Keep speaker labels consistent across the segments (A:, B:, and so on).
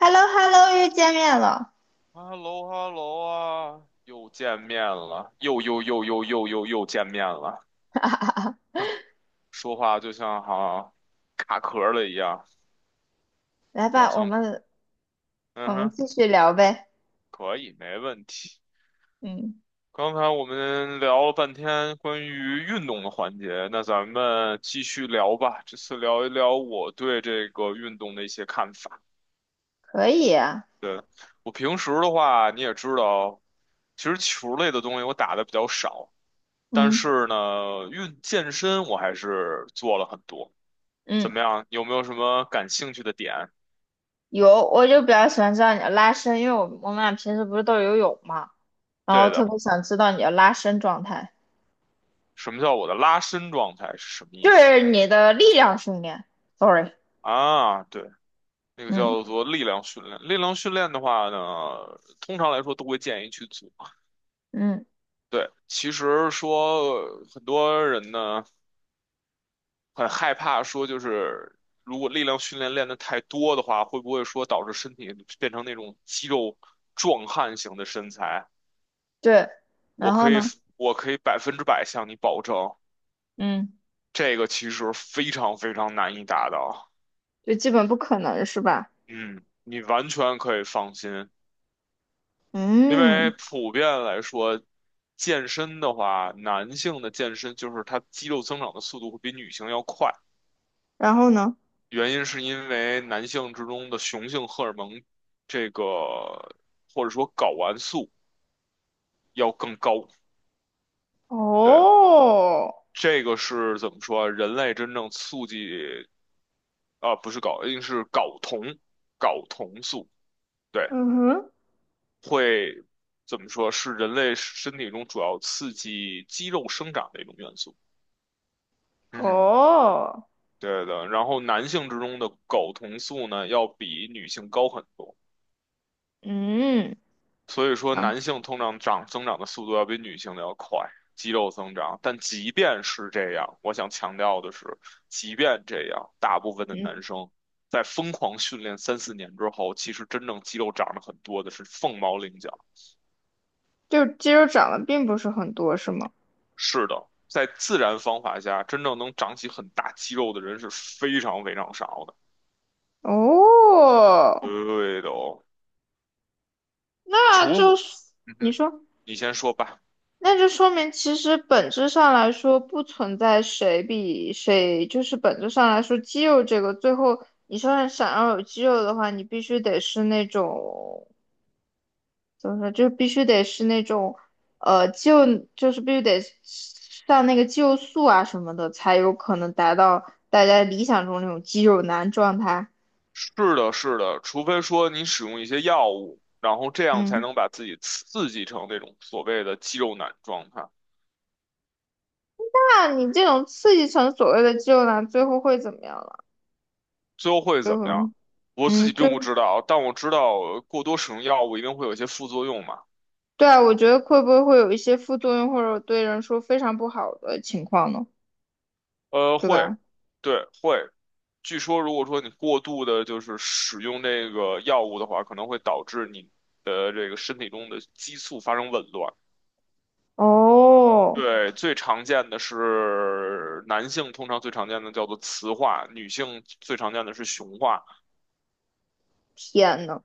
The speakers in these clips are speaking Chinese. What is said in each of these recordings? A: h e l l o h e l l o 又见面了。
B: 哈喽哈喽啊，又见面了，又见面了，说话就像好像卡壳了一样。
A: 来
B: 主要
A: 吧，我
B: 像
A: 们
B: 嗯
A: 我们
B: 哼，
A: 继续聊呗。
B: 可以，没问题。
A: 嗯，
B: 刚才我们聊了半天关于运动的环节，那咱们继续聊吧。这次聊一聊我对这个运动的一些看法。
A: 可以啊。
B: 对，我平时的话，你也知道，其实球类的东西我打的比较少。但
A: 嗯
B: 是呢，运健身我还是做了很多。怎
A: 嗯，
B: 么样？有没有什么感兴趣的点？
A: 有，我就比较喜欢知道你的拉伸，因为我们俩平时不是都游泳嘛，然后
B: 对
A: 特
B: 的，
A: 别想知道你的拉伸状态，
B: 什么叫我的拉伸状态是什么意
A: 就
B: 思
A: 是你的力量训练。Sorry。
B: 啊？对，那个
A: 嗯
B: 叫做力量训练。力量训练的话呢，通常来说都会建议去做。
A: 嗯，
B: 对，其实说很多人呢很害怕说，就是如果力量训练练得太多的话，会不会说导致身体变成那种肌肉壮汉型的身材？
A: 对。
B: 我
A: 然后
B: 可以
A: 呢？
B: 我可以百分之百向你保证，
A: 嗯，
B: 这个其实非常非常难以达到。
A: 就基本不可能是吧？
B: 嗯，你完全可以放心，因为
A: 嗯，
B: 普遍来说，健身的话，男性的健身就是他肌肉增长的速度会比女性要快，
A: 然后呢？
B: 原因是因为男性之中的雄性荷尔蒙这个或者说睾丸素要更高。对，
A: 哦，
B: 这个是怎么说啊，人类真正促进。啊，不是睾，一定是睾酮，睾酮素，对，
A: 嗯哼，
B: 会怎么说是人类身体中主要刺激肌肉生长的一种元素。嗯，
A: 哦，
B: 对的。然后男性之中的睾酮素呢，要比女性高很多。
A: 嗯。
B: 所以说，
A: 啊。
B: 男性通常长增长的速度要比女性的要快，肌肉增长。但即便是这样，我想强调的是，即便这样，大部分的
A: 嗯。
B: 男生在疯狂训练三四年之后，其实真正肌肉长得很多的是凤毛麟角。
A: 就肌肉长得并不是很多，是吗？
B: 是的，在自然方法下，真正能长起很大肌肉的人是非常非常少的。
A: 哦，
B: 对的哦，
A: 那就
B: 除，
A: 是。
B: 嗯
A: 你
B: 哼，
A: 说。
B: 你先说吧。
A: 那就说明其实本质上来说不存在谁比谁，就是本质上来说，肌肉这个最后你说想要有肌肉的话，你必须得是那种怎么说，就必须得是那种呃就就是必须得上那个肌肉素啊什么的，才有可能达到大家理想中那种肌肉男状态。
B: 是的，是的，除非说你使用一些药物，然后这样
A: 嗯。
B: 才能把自己刺激成那种所谓的肌肉男状态。
A: 那你这种刺激成所谓的肌肉男，最后会怎么样了？
B: 最后会
A: 最
B: 怎么样？
A: 后。
B: 我自己
A: 嗯，就
B: 并不知道，但我知道过多使用药物一定会有一些副作用嘛。
A: 对啊，我觉得会不会会有一些副作用，或者对人说非常不好的情况呢？
B: 呃，
A: 对
B: 会，
A: 吧？
B: 对，会。据说如果说你过度的就是使用这个药物的话，可能会导致你的这个身体中的激素发生紊乱。
A: 哦，
B: 对，最常见的是男性，通常最常见的叫做雌化，女性最常见的是雄化。
A: 天呐。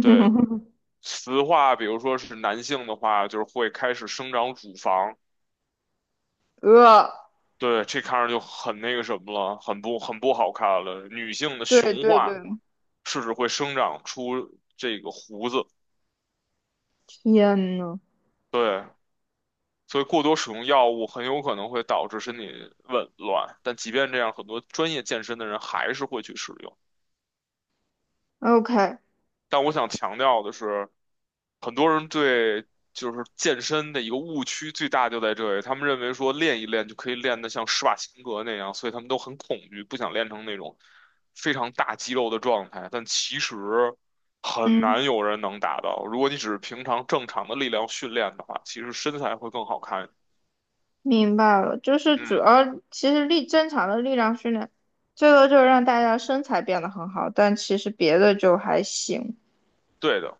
B: 对，雌化，比如说是男性的话，就是会开始生长乳房，
A: 呃，
B: 对，这看着就很那个什么了，很不好看了。女性的
A: 对
B: 雄
A: 对对，
B: 化，是指会生长出这个胡子，
A: 天呐。
B: 对，所以过多使用药物很有可能会导致身体紊乱。但即便这样，很多专业健身的人还是会去使用。
A: o k
B: 但我想强调的是，很多人对就是健身的一个误区最大就在这里，他们认为说练一练就可以练得像施瓦辛格那样，所以他们都很恐惧，不想练成那种非常大肌肉的状态。但其实很
A: 嗯，
B: 难有人能达到，如果你只是平常正常的力量训练的话，其实身材会更好看。
A: 明白了，就是主
B: 嗯，
A: 要其实正常的力量训练，最多就是让大家身材变得很好，但其实别的就还行。
B: 对的，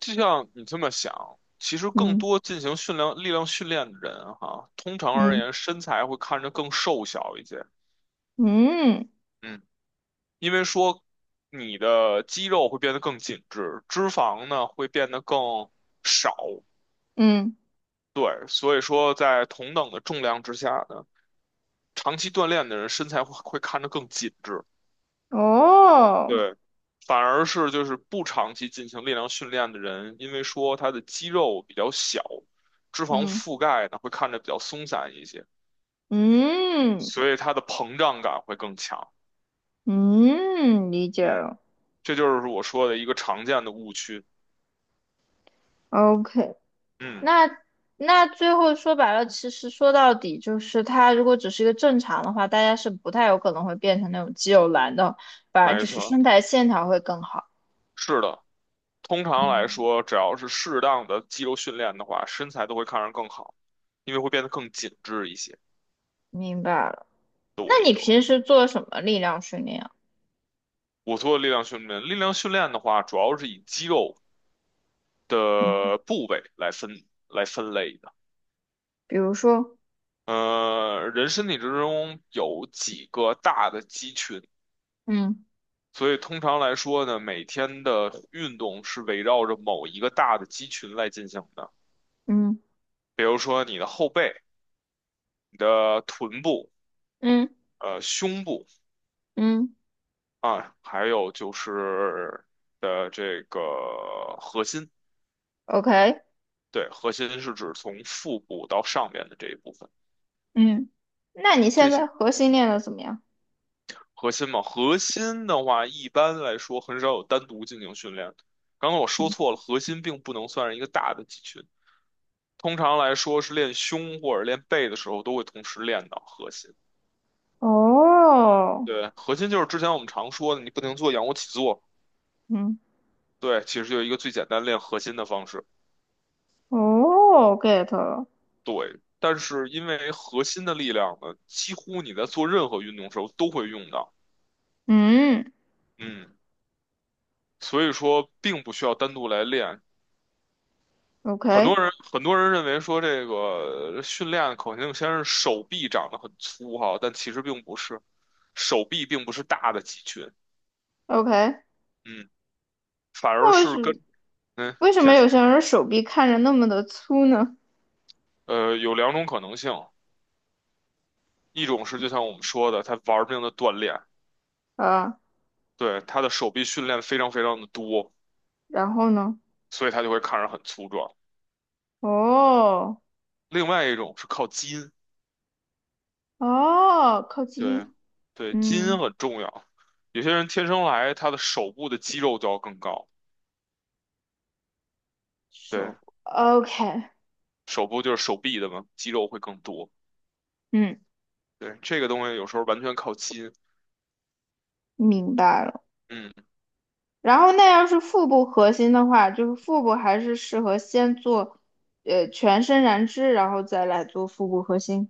B: 就像你这么想。其实更
A: 嗯
B: 多进行训练力量训练的人哈，通常而
A: 嗯
B: 言身材会看着更瘦小一些。
A: 嗯
B: 嗯，因为说你的肌肉会变得更紧致，脂肪呢会变得更少，
A: 嗯。
B: 对，所以说在同等的重量之下呢，长期锻炼的人身材会看着更紧致，
A: 哦，
B: 对，反而是就是不长期进行力量训练的人，因为说他的肌肉比较小，脂肪
A: 嗯
B: 覆盖呢会看着比较松散一些，
A: 嗯
B: 所以它的膨胀感会更强，
A: 嗯，理解了。
B: 这就是我说的一个常见的误区。
A: OK。
B: 嗯，
A: 那那最后说白了，其实说到底就是，它如果只是一个正常的话，大家是不太有可能会变成那种肌肉男的，反而
B: 没
A: 就是
B: 错，
A: 身材线条会更好。
B: 是的。通常来
A: 嗯，
B: 说，只要是适当的肌肉训练的话，身材都会看上更好，因为会变得更紧致一些。
A: 明白了。
B: 的
A: 那
B: 维
A: 你
B: 德，
A: 平时做什么力量训练啊？
B: 我做力量训练，力量训练的话，主要是以肌肉
A: 嗯，
B: 的部位来分类的。
A: 比如说，
B: 人身体之中有几个大的肌群，
A: 嗯
B: 所以通常来说呢，每天的运动是围绕着某一个大的肌群来进行的。
A: 嗯
B: 比如说你的后背、你的臀部、
A: 嗯
B: 胸部。
A: 嗯
B: 啊，还有就是的这个核心，
A: ，OK，
B: 对，核心是指从腹部到上面的这一部分，
A: 嗯，那你
B: 这
A: 现
B: 些
A: 在核心练的怎么样？
B: 核心嘛，核心的话一般来说很少有单独进行训练。刚刚我说错了，核心并不能算是一个大的肌群，通常来说是练胸或者练背的时候都会同时练到核心。
A: 哦，
B: 对，核心就是之前我们常说的，你不停做仰卧起坐，
A: 嗯，
B: 对，其实就是一个最简单练核心的方式。
A: 哦，get 了，
B: 对，但是因为核心的力量呢，几乎你在做任何运动时候都会用到，
A: 嗯
B: 嗯，所以说并不需要单独来练。
A: ，OK
B: 很多人认为说这个训练口径先是手臂长得很粗哈，但其实并不是，手臂并不是大的肌群，
A: OK，
B: 嗯，反而
A: 那
B: 是跟嗯，
A: 为
B: 你
A: 什么
B: 先
A: 有
B: 说，
A: 些人手臂看着那么的粗呢？
B: 有两种可能性，一种是就像我们说的，他玩命的锻炼，
A: 啊，
B: 对，他的手臂训练非常非常的多，
A: 然后呢？
B: 所以他就会看着很粗壮。
A: 哦
B: 另外一种是靠基因，
A: 哦，靠
B: 对，
A: 近，
B: 对，基因
A: 嗯，
B: 很重要。有些人天生来，他的手部的肌肉就要更高，对，
A: 手，OK，
B: 手部就是手臂的嘛，肌肉会更多。
A: 嗯，
B: 对，这个东西有时候完全靠基因。
A: 明白了。
B: 嗯，
A: 然后那要是腹部核心的话，就是腹部还是适合先做，全身燃脂，然后再来做腹部核心。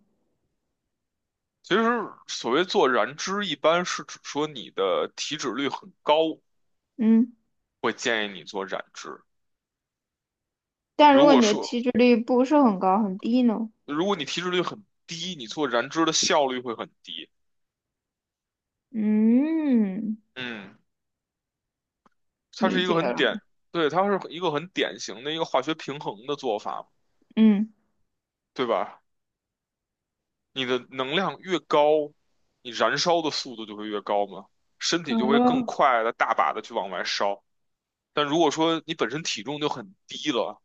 B: 其实所谓做燃脂，一般是指说你的体脂率很高，
A: 嗯，
B: 会建议你做燃脂。
A: 但如
B: 如
A: 果
B: 果
A: 你的体
B: 说
A: 脂率不是很高，很低呢？
B: 如果你体脂率很低，你做燃脂的效率会很低。
A: 嗯，
B: 嗯，它
A: 理
B: 是一个
A: 解
B: 很典，
A: 了。
B: 对，它是一个很典型的一个化学平衡的做法。
A: 嗯
B: 对吧？你的能量越高，你燃烧的速度就会越高嘛，身体就会更
A: 哦，
B: 快的大把的去往外烧。但如果说你本身体重就很低了，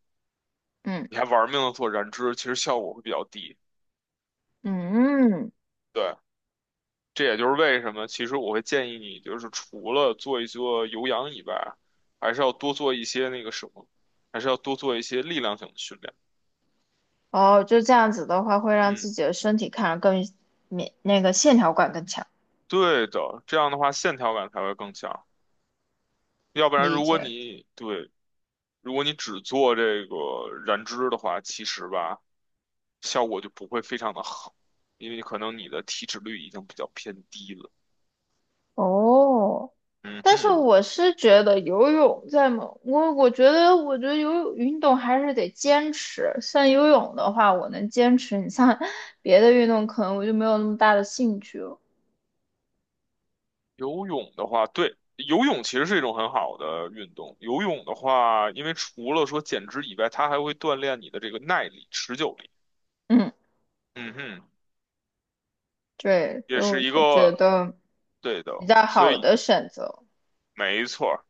A: 嗯
B: 你还玩命的做燃脂，其实效果会比较低。
A: 嗯，
B: 对，这也就是为什么，其实我会建议你，就是除了做一做有氧以外，还是要多做一些那个什么，还是要多做一些力量性的训练。
A: 哦，就这样子的话，会让自
B: 嗯，
A: 己的身体看着更免那个线条感更强。
B: 对的，这样的话线条感才会更强。要不然，
A: 理解了。
B: 如果你只做这个燃脂的话，其实吧，效果就不会非常的好，因为可能你的体脂率已经比较偏低了。
A: 哦，
B: 嗯
A: 但是
B: 哼，
A: 我是觉得游泳在某，我我觉得我觉得游泳运动还是得坚持。像游泳的话，我能坚持，你像 别的运动，可能我就没有那么大的兴趣了。
B: 游泳的话，对，游泳其实是一种很好的运动。游泳的话，因为除了说减脂以外，它还会锻炼你的这个耐力、持久力。
A: 嗯，
B: 嗯哼，
A: 对，
B: 也
A: 所以我
B: 是一
A: 就觉
B: 个
A: 得
B: 对的，
A: 比较
B: 所
A: 好
B: 以
A: 的选择。
B: 没错儿。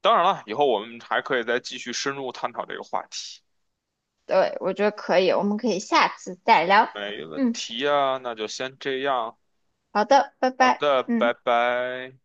B: 当然了，以后我们还可以再继续深入探讨这个话题。
A: 对，我觉得可以，我们可以下次再聊。
B: 没问
A: 嗯，
B: 题呀，那就先这样。
A: 好的，拜
B: 好
A: 拜。
B: 的，
A: 嗯。
B: 拜拜。